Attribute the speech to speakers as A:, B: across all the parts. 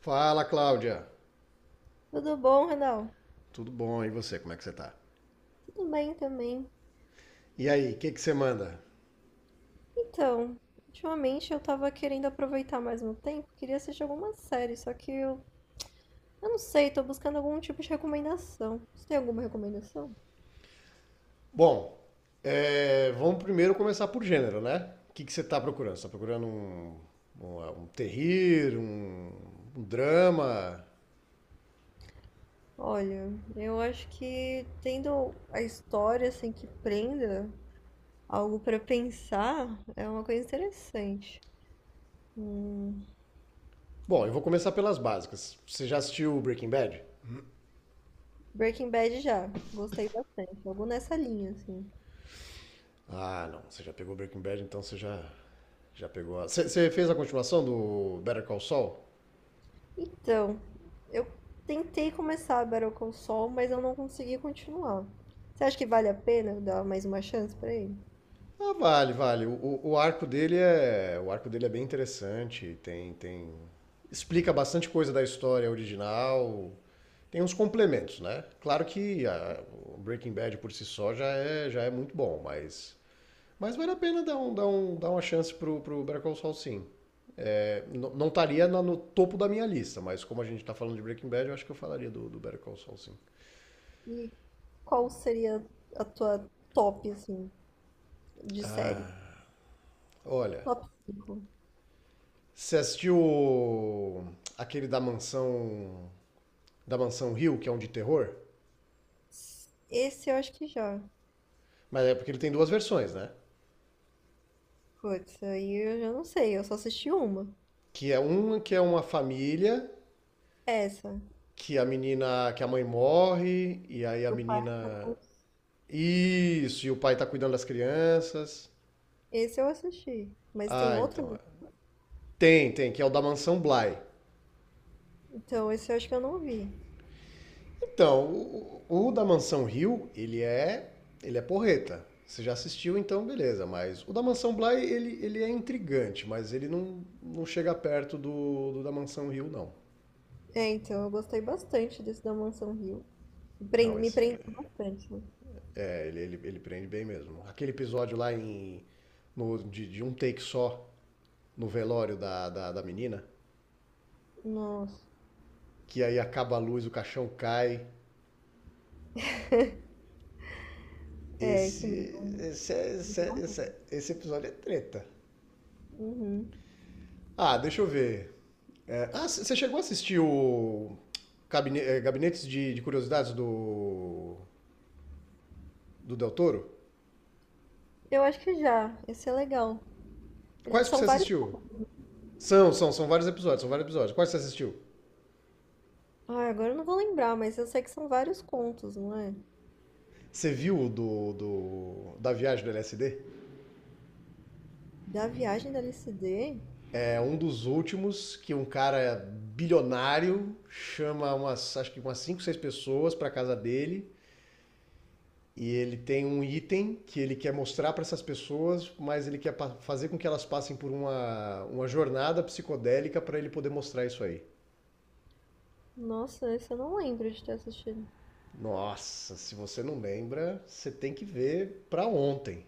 A: Fala, Cláudia.
B: Tudo bom, Renal?
A: Tudo bom? E você, como é que você tá?
B: Tudo bem também.
A: E aí, o que que você manda?
B: Então, ultimamente eu tava querendo aproveitar mais meu tempo, queria assistir alguma série, só que eu não sei, tô buscando algum tipo de recomendação. Você tem alguma recomendação?
A: Bom, vamos primeiro começar por gênero, né? O que que você tá procurando? Você tá procurando um terrir, um drama?
B: Olha, eu acho que tendo a história assim que prenda algo pra pensar é uma coisa interessante. Hum.
A: Bom, eu vou começar pelas básicas. Você já assistiu Breaking Bad?
B: Breaking Bad já, gostei bastante, algo nessa linha assim.
A: Ah, não. Você já pegou Breaking Bad, então já pegou a... você fez a continuação do Better Call Saul?
B: Então, eu tentei começar a Better Call Saul, mas eu não consegui continuar. Você acha que vale a pena dar mais uma chance pra ele?
A: Ah, vale, vale. O arco dele é, o arco dele é bem interessante. Explica bastante coisa da história original. Tem uns complementos, né? Claro que a- o Breaking Bad por si só já é muito bom, mas vale a pena dar uma chance pro Better Call Saul, sim. É, não estaria no topo da minha lista, mas como a gente tá falando de Breaking Bad, eu acho que eu falaria do Better Call Saul, sim.
B: E qual seria a tua top, assim, de série?
A: Olha,
B: Top 5.
A: você assistiu aquele da Mansão Hill, que é um de terror.
B: Esse eu acho que já.
A: Mas é porque ele tem duas versões, né?
B: Putz, aí eu já não sei, eu só assisti uma.
A: Que é uma família
B: Essa.
A: que a menina, que a mãe morre e aí a
B: O Parque
A: menina
B: Aquático.
A: isso, e o pai tá cuidando das crianças.
B: Esse eu assisti, mas tem
A: Ah,
B: outra?
A: então. É. Tem, tem, que é o da Mansão Bly.
B: Então, esse eu acho que eu não vi.
A: Então, o da Mansão Hill, ele é porreta. Você já assistiu, então beleza, mas o da Mansão Bly, ele é intrigante, mas ele não, não chega perto do da Mansão Hill, não.
B: É, então, eu gostei bastante desse da Mansão Hill. Pren-
A: Não,
B: me
A: esse,
B: prendeu bastante, né?
A: é, ele prende bem mesmo. Aquele episódio lá em. De um take só no velório da menina,
B: Nossa.
A: que aí acaba a luz, o caixão cai.
B: É, esse
A: Esse. Esse,
B: me
A: esse,
B: deu um
A: esse,
B: medo.
A: esse episódio é treta.
B: Uhum.
A: Ah, deixa eu ver. É, ah, você chegou a assistir o. Cabine, Gabinetes de Curiosidades do. Do Del Toro?
B: Eu acho que já. Esse é legal. Eles
A: Quais que
B: são
A: você
B: vários.
A: assistiu? São vários episódios, são vários episódios. Quais que você assistiu?
B: Ah, agora eu não vou lembrar, mas eu sei que são vários contos, não é?
A: Você viu o da viagem do LSD?
B: Da viagem da LSD.
A: É um dos últimos que um cara bilionário chama umas, acho que umas 5 6 pessoas para casa dele e ele tem um item que ele quer mostrar para essas pessoas, mas ele quer fazer com que elas passem por uma jornada psicodélica para ele poder mostrar isso aí.
B: Nossa, esse eu não lembro de ter assistido.
A: Nossa, se você não lembra, você tem que ver para ontem.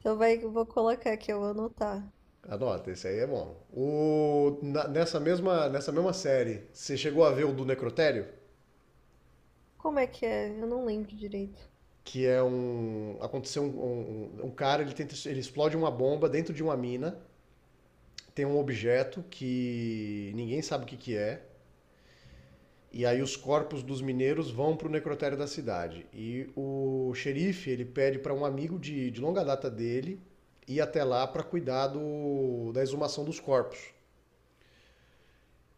B: Então vai, eu vou colocar aqui, eu vou anotar.
A: Anota, esse aí é bom. O, nessa mesma série, você chegou a ver o do Necrotério?
B: Como é que é? Eu não lembro direito.
A: Que é um aconteceu um cara ele tenta ele explode uma bomba dentro de uma mina, tem um objeto que ninguém sabe o que, que é, e aí os corpos dos mineiros vão para o necrotério da cidade e o xerife ele pede para um amigo de longa data dele ir até lá para cuidar da exumação dos corpos,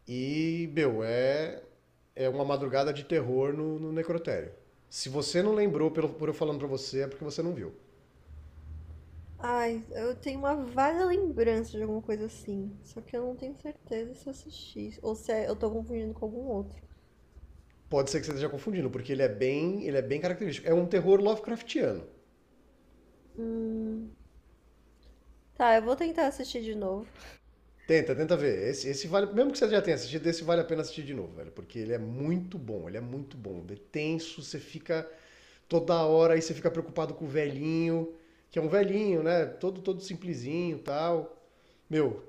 A: e meu, é é uma madrugada de terror no necrotério. Se você não lembrou pelo por eu falando para você é porque você não viu.
B: Ai, eu tenho uma vaga lembrança de alguma coisa assim. Só que eu não tenho certeza se eu assisti. Ou se é- eu tô confundindo com algum outro.
A: Pode ser que você esteja confundindo, porque ele é bem característico. É um terror Lovecraftiano.
B: Hum. Tá, eu vou tentar assistir de novo.
A: Tenta, tenta ver. Esse vale, mesmo que você já tenha assistido, esse vale a pena assistir de novo, velho, porque ele é muito bom, ele é muito bom. Ele é tenso, você fica toda hora aí você fica preocupado com o velhinho, que é um velhinho, né? Todo simplesinho, e tal. Meu,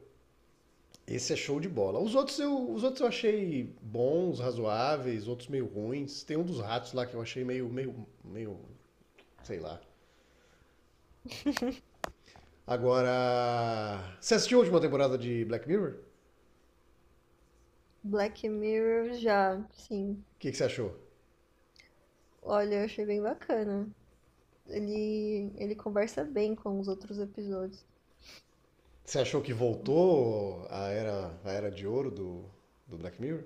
A: esse é show de bola. Os outros eu achei bons, razoáveis, outros meio ruins. Tem um dos ratos lá que eu achei meio, sei lá. Agora, você assistiu a última temporada de Black Mirror? O
B: Black Mirror já, sim.
A: que, que você achou?
B: Olha, eu achei bem bacana. Ele conversa bem com os outros episódios.
A: Você achou que voltou a era de ouro do Black Mirror?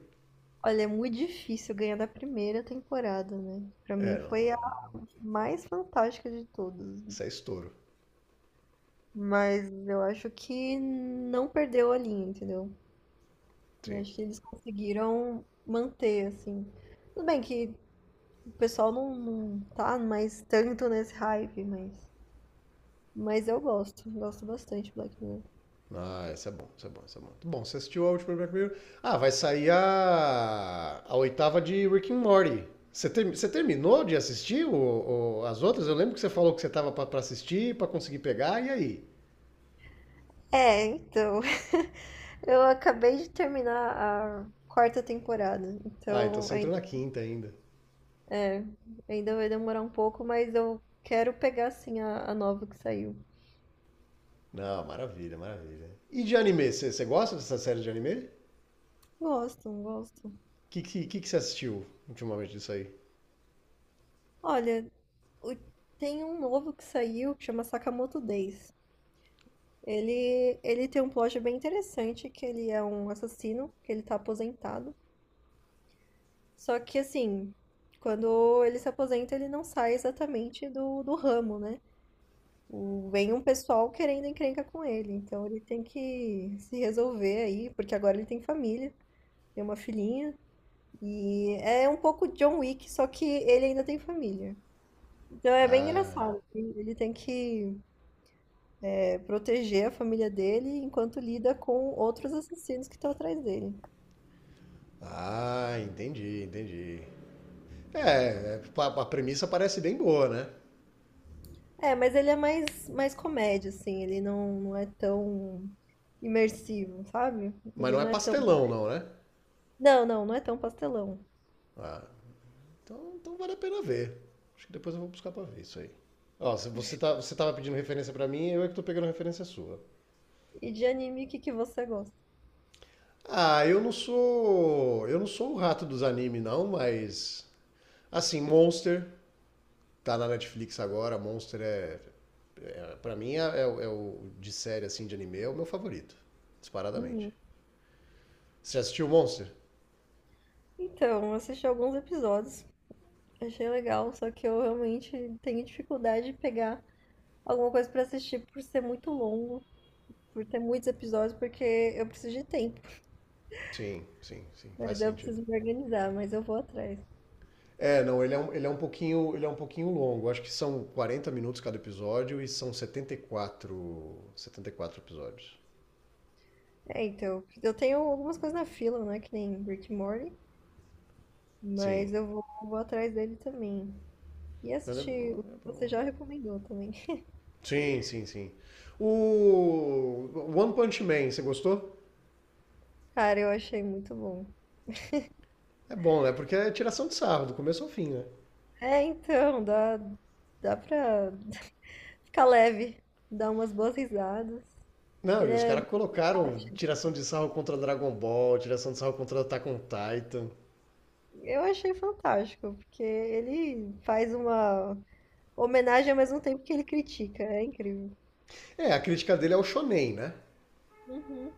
B: Olha, é muito difícil ganhar da primeira temporada, né? Pra mim
A: É, não.
B: foi a
A: É.
B: mais fantástica de todas.
A: Isso é estouro.
B: Mas eu acho que não perdeu a linha, entendeu? Eu
A: Sim.
B: acho que eles conseguiram manter, assim. Tudo bem que o pessoal não tá mais tanto nesse hype, mas eu gosto. Gosto bastante de Black Mirror.
A: Ah, isso é bom, isso é bom, isso é bom. Bom, você assistiu a última Black Mirror? Ah, vai sair a oitava de Rick and Morty. Você, você terminou de assistir as outras? Eu lembro que você falou que você tava pra assistir, pra conseguir pegar, e aí?
B: É, então. Eu acabei de terminar a quarta temporada,
A: Ah, então
B: então
A: você entrou
B: ai-
A: na quinta ainda.
B: é, ainda vai demorar um pouco, mas eu quero pegar sim a nova que saiu.
A: Não, maravilha, maravilha. E de anime, você gosta dessa série de anime? O
B: Gosto, gosto.
A: que, que, que, que você assistiu ultimamente disso aí?
B: Olha, o- tem um novo que saiu que chama Sakamoto Days. Ele tem um plot bem interessante, que ele é um assassino, que ele tá aposentado. Só que assim, quando ele se aposenta, ele não sai exatamente do ramo, né? o- vem um pessoal querendo encrenca com ele. Então ele tem que se resolver aí, porque agora ele tem família, tem uma filhinha. E é um pouco John Wick, só que ele ainda tem família. Então é bem
A: Ah,
B: engraçado. Ele tem que é, proteger a família dele enquanto lida com outros assassinos que estão atrás dele.
A: ah, entendi, entendi. A premissa parece bem boa, né?
B: É, mas ele é mais, mais comédia, assim. Ele não é tão imersivo, sabe?
A: Mas
B: Ele
A: não é
B: não é tão.
A: pastelão, não, né?
B: Não, não, não é tão pastelão.
A: Ah, então, então vale a pena ver. Acho que depois eu vou buscar pra ver isso aí. Ó, se você, tá, você tava pedindo referência pra mim, eu é que tô pegando referência sua.
B: E de anime, o que que você gosta?
A: Ah, eu não sou. Eu não sou o rato dos animes, não, mas. Assim, Monster, tá na Netflix agora, Monster é. É pra mim, é, é o de série assim de anime, é o meu favorito. Disparadamente.
B: Uhum.
A: Você já assistiu Monster?
B: Então, eu assisti alguns episódios, achei legal, só que eu realmente tenho dificuldade de pegar alguma coisa pra assistir por ser muito longo, por ter muitos episódios, porque eu preciso de tempo.
A: Sim, sim, sim, faz
B: Mas eu
A: sentido.
B: preciso me organizar, mas eu vou atrás.
A: É, não, ele é um pouquinho, ele é um pouquinho longo. Acho que são 40 minutos cada episódio e são 74, 74 episódios.
B: É, então, eu tenho algumas coisas na fila, né, que nem Rick and Morty,
A: Sim.
B: mas eu vou atrás dele também. E assistir o
A: É
B: que você
A: bom.
B: já recomendou também.
A: Sim, sim, sim. O One Punch Man, você gostou?
B: Cara, eu achei muito bom.
A: É bom, né? Porque é tiração de sarro, do começo ao fim, né?
B: É, então, dá, dá pra ficar leve, dar umas boas risadas. Que
A: Não,
B: ele
A: e os
B: é-
A: caras colocaram tiração de sarro contra Dragon Ball, tiração de sarro contra Attack on Titan.
B: eu achei fantástico, porque ele faz uma homenagem ao mesmo tempo que ele critica. É incrível.
A: É, a crítica dele é o shonen, né?
B: Uhum.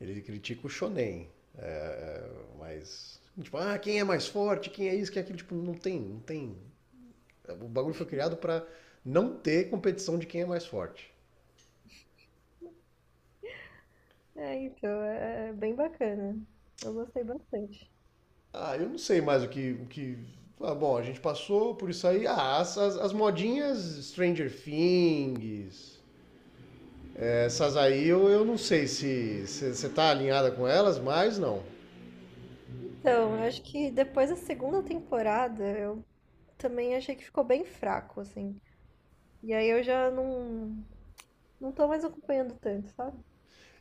A: Ele critica o shonen. É, mas, tipo, ah, quem é mais forte, quem é isso, quem é aquilo. Tipo, não tem, não tem. O bagulho foi criado pra não ter competição de quem é mais forte.
B: É, então, é é bem bacana. Eu gostei bastante.
A: Ah, eu não sei mais o que... O que... Ah, bom, a gente passou por isso aí. Ah, as modinhas Stranger Things... Essas aí eu não sei se você tá alinhada com elas, mas não.
B: Então, eu acho que depois da segunda temporada, eu também achei que ficou bem fraco, assim. E aí eu já não, não tô mais acompanhando tanto, sabe?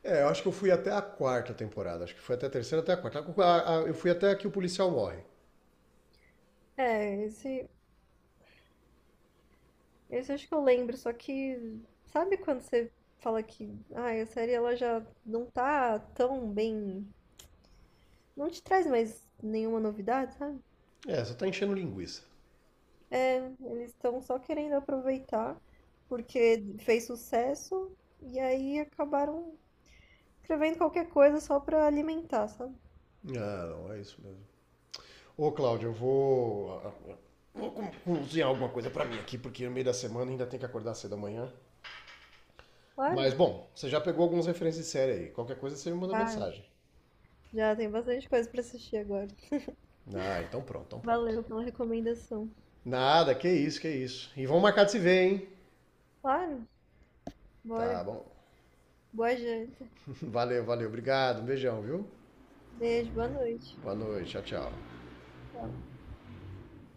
A: É, eu acho que eu fui até a quarta temporada. Acho que foi até a terceira, até a quarta. Eu fui até que o policial morre.
B: É, esse acho que eu lembro, só que sabe quando você fala que, ah a série ela já não tá tão bem não te traz mais nenhuma novidade, sabe?
A: É, só tá enchendo linguiça.
B: Eles estão só querendo aproveitar porque fez sucesso e aí acabaram escrevendo qualquer coisa só pra alimentar, sabe?
A: Ah, não, é isso mesmo. Ô, Cláudio, eu vou. Vou cozinhar alguma coisa pra mim aqui, porque no meio da semana ainda tem que acordar cedo amanhã. Mas,
B: Claro,
A: bom, você já pegou algumas referências de série aí. Qualquer coisa você me manda
B: claro.
A: mensagem.
B: Já tem bastante coisa pra assistir agora.
A: Ah, então pronto, então pronto.
B: Valeu pela recomendação.
A: Nada, que isso, que isso. E vamos marcar de se ver, hein?
B: Claro,
A: Tá
B: bora.
A: bom.
B: Boa janta.
A: Valeu, valeu. Obrigado, um beijão, viu?
B: Beijo, boa noite.
A: Boa noite, tchau, tchau.
B: Tchau.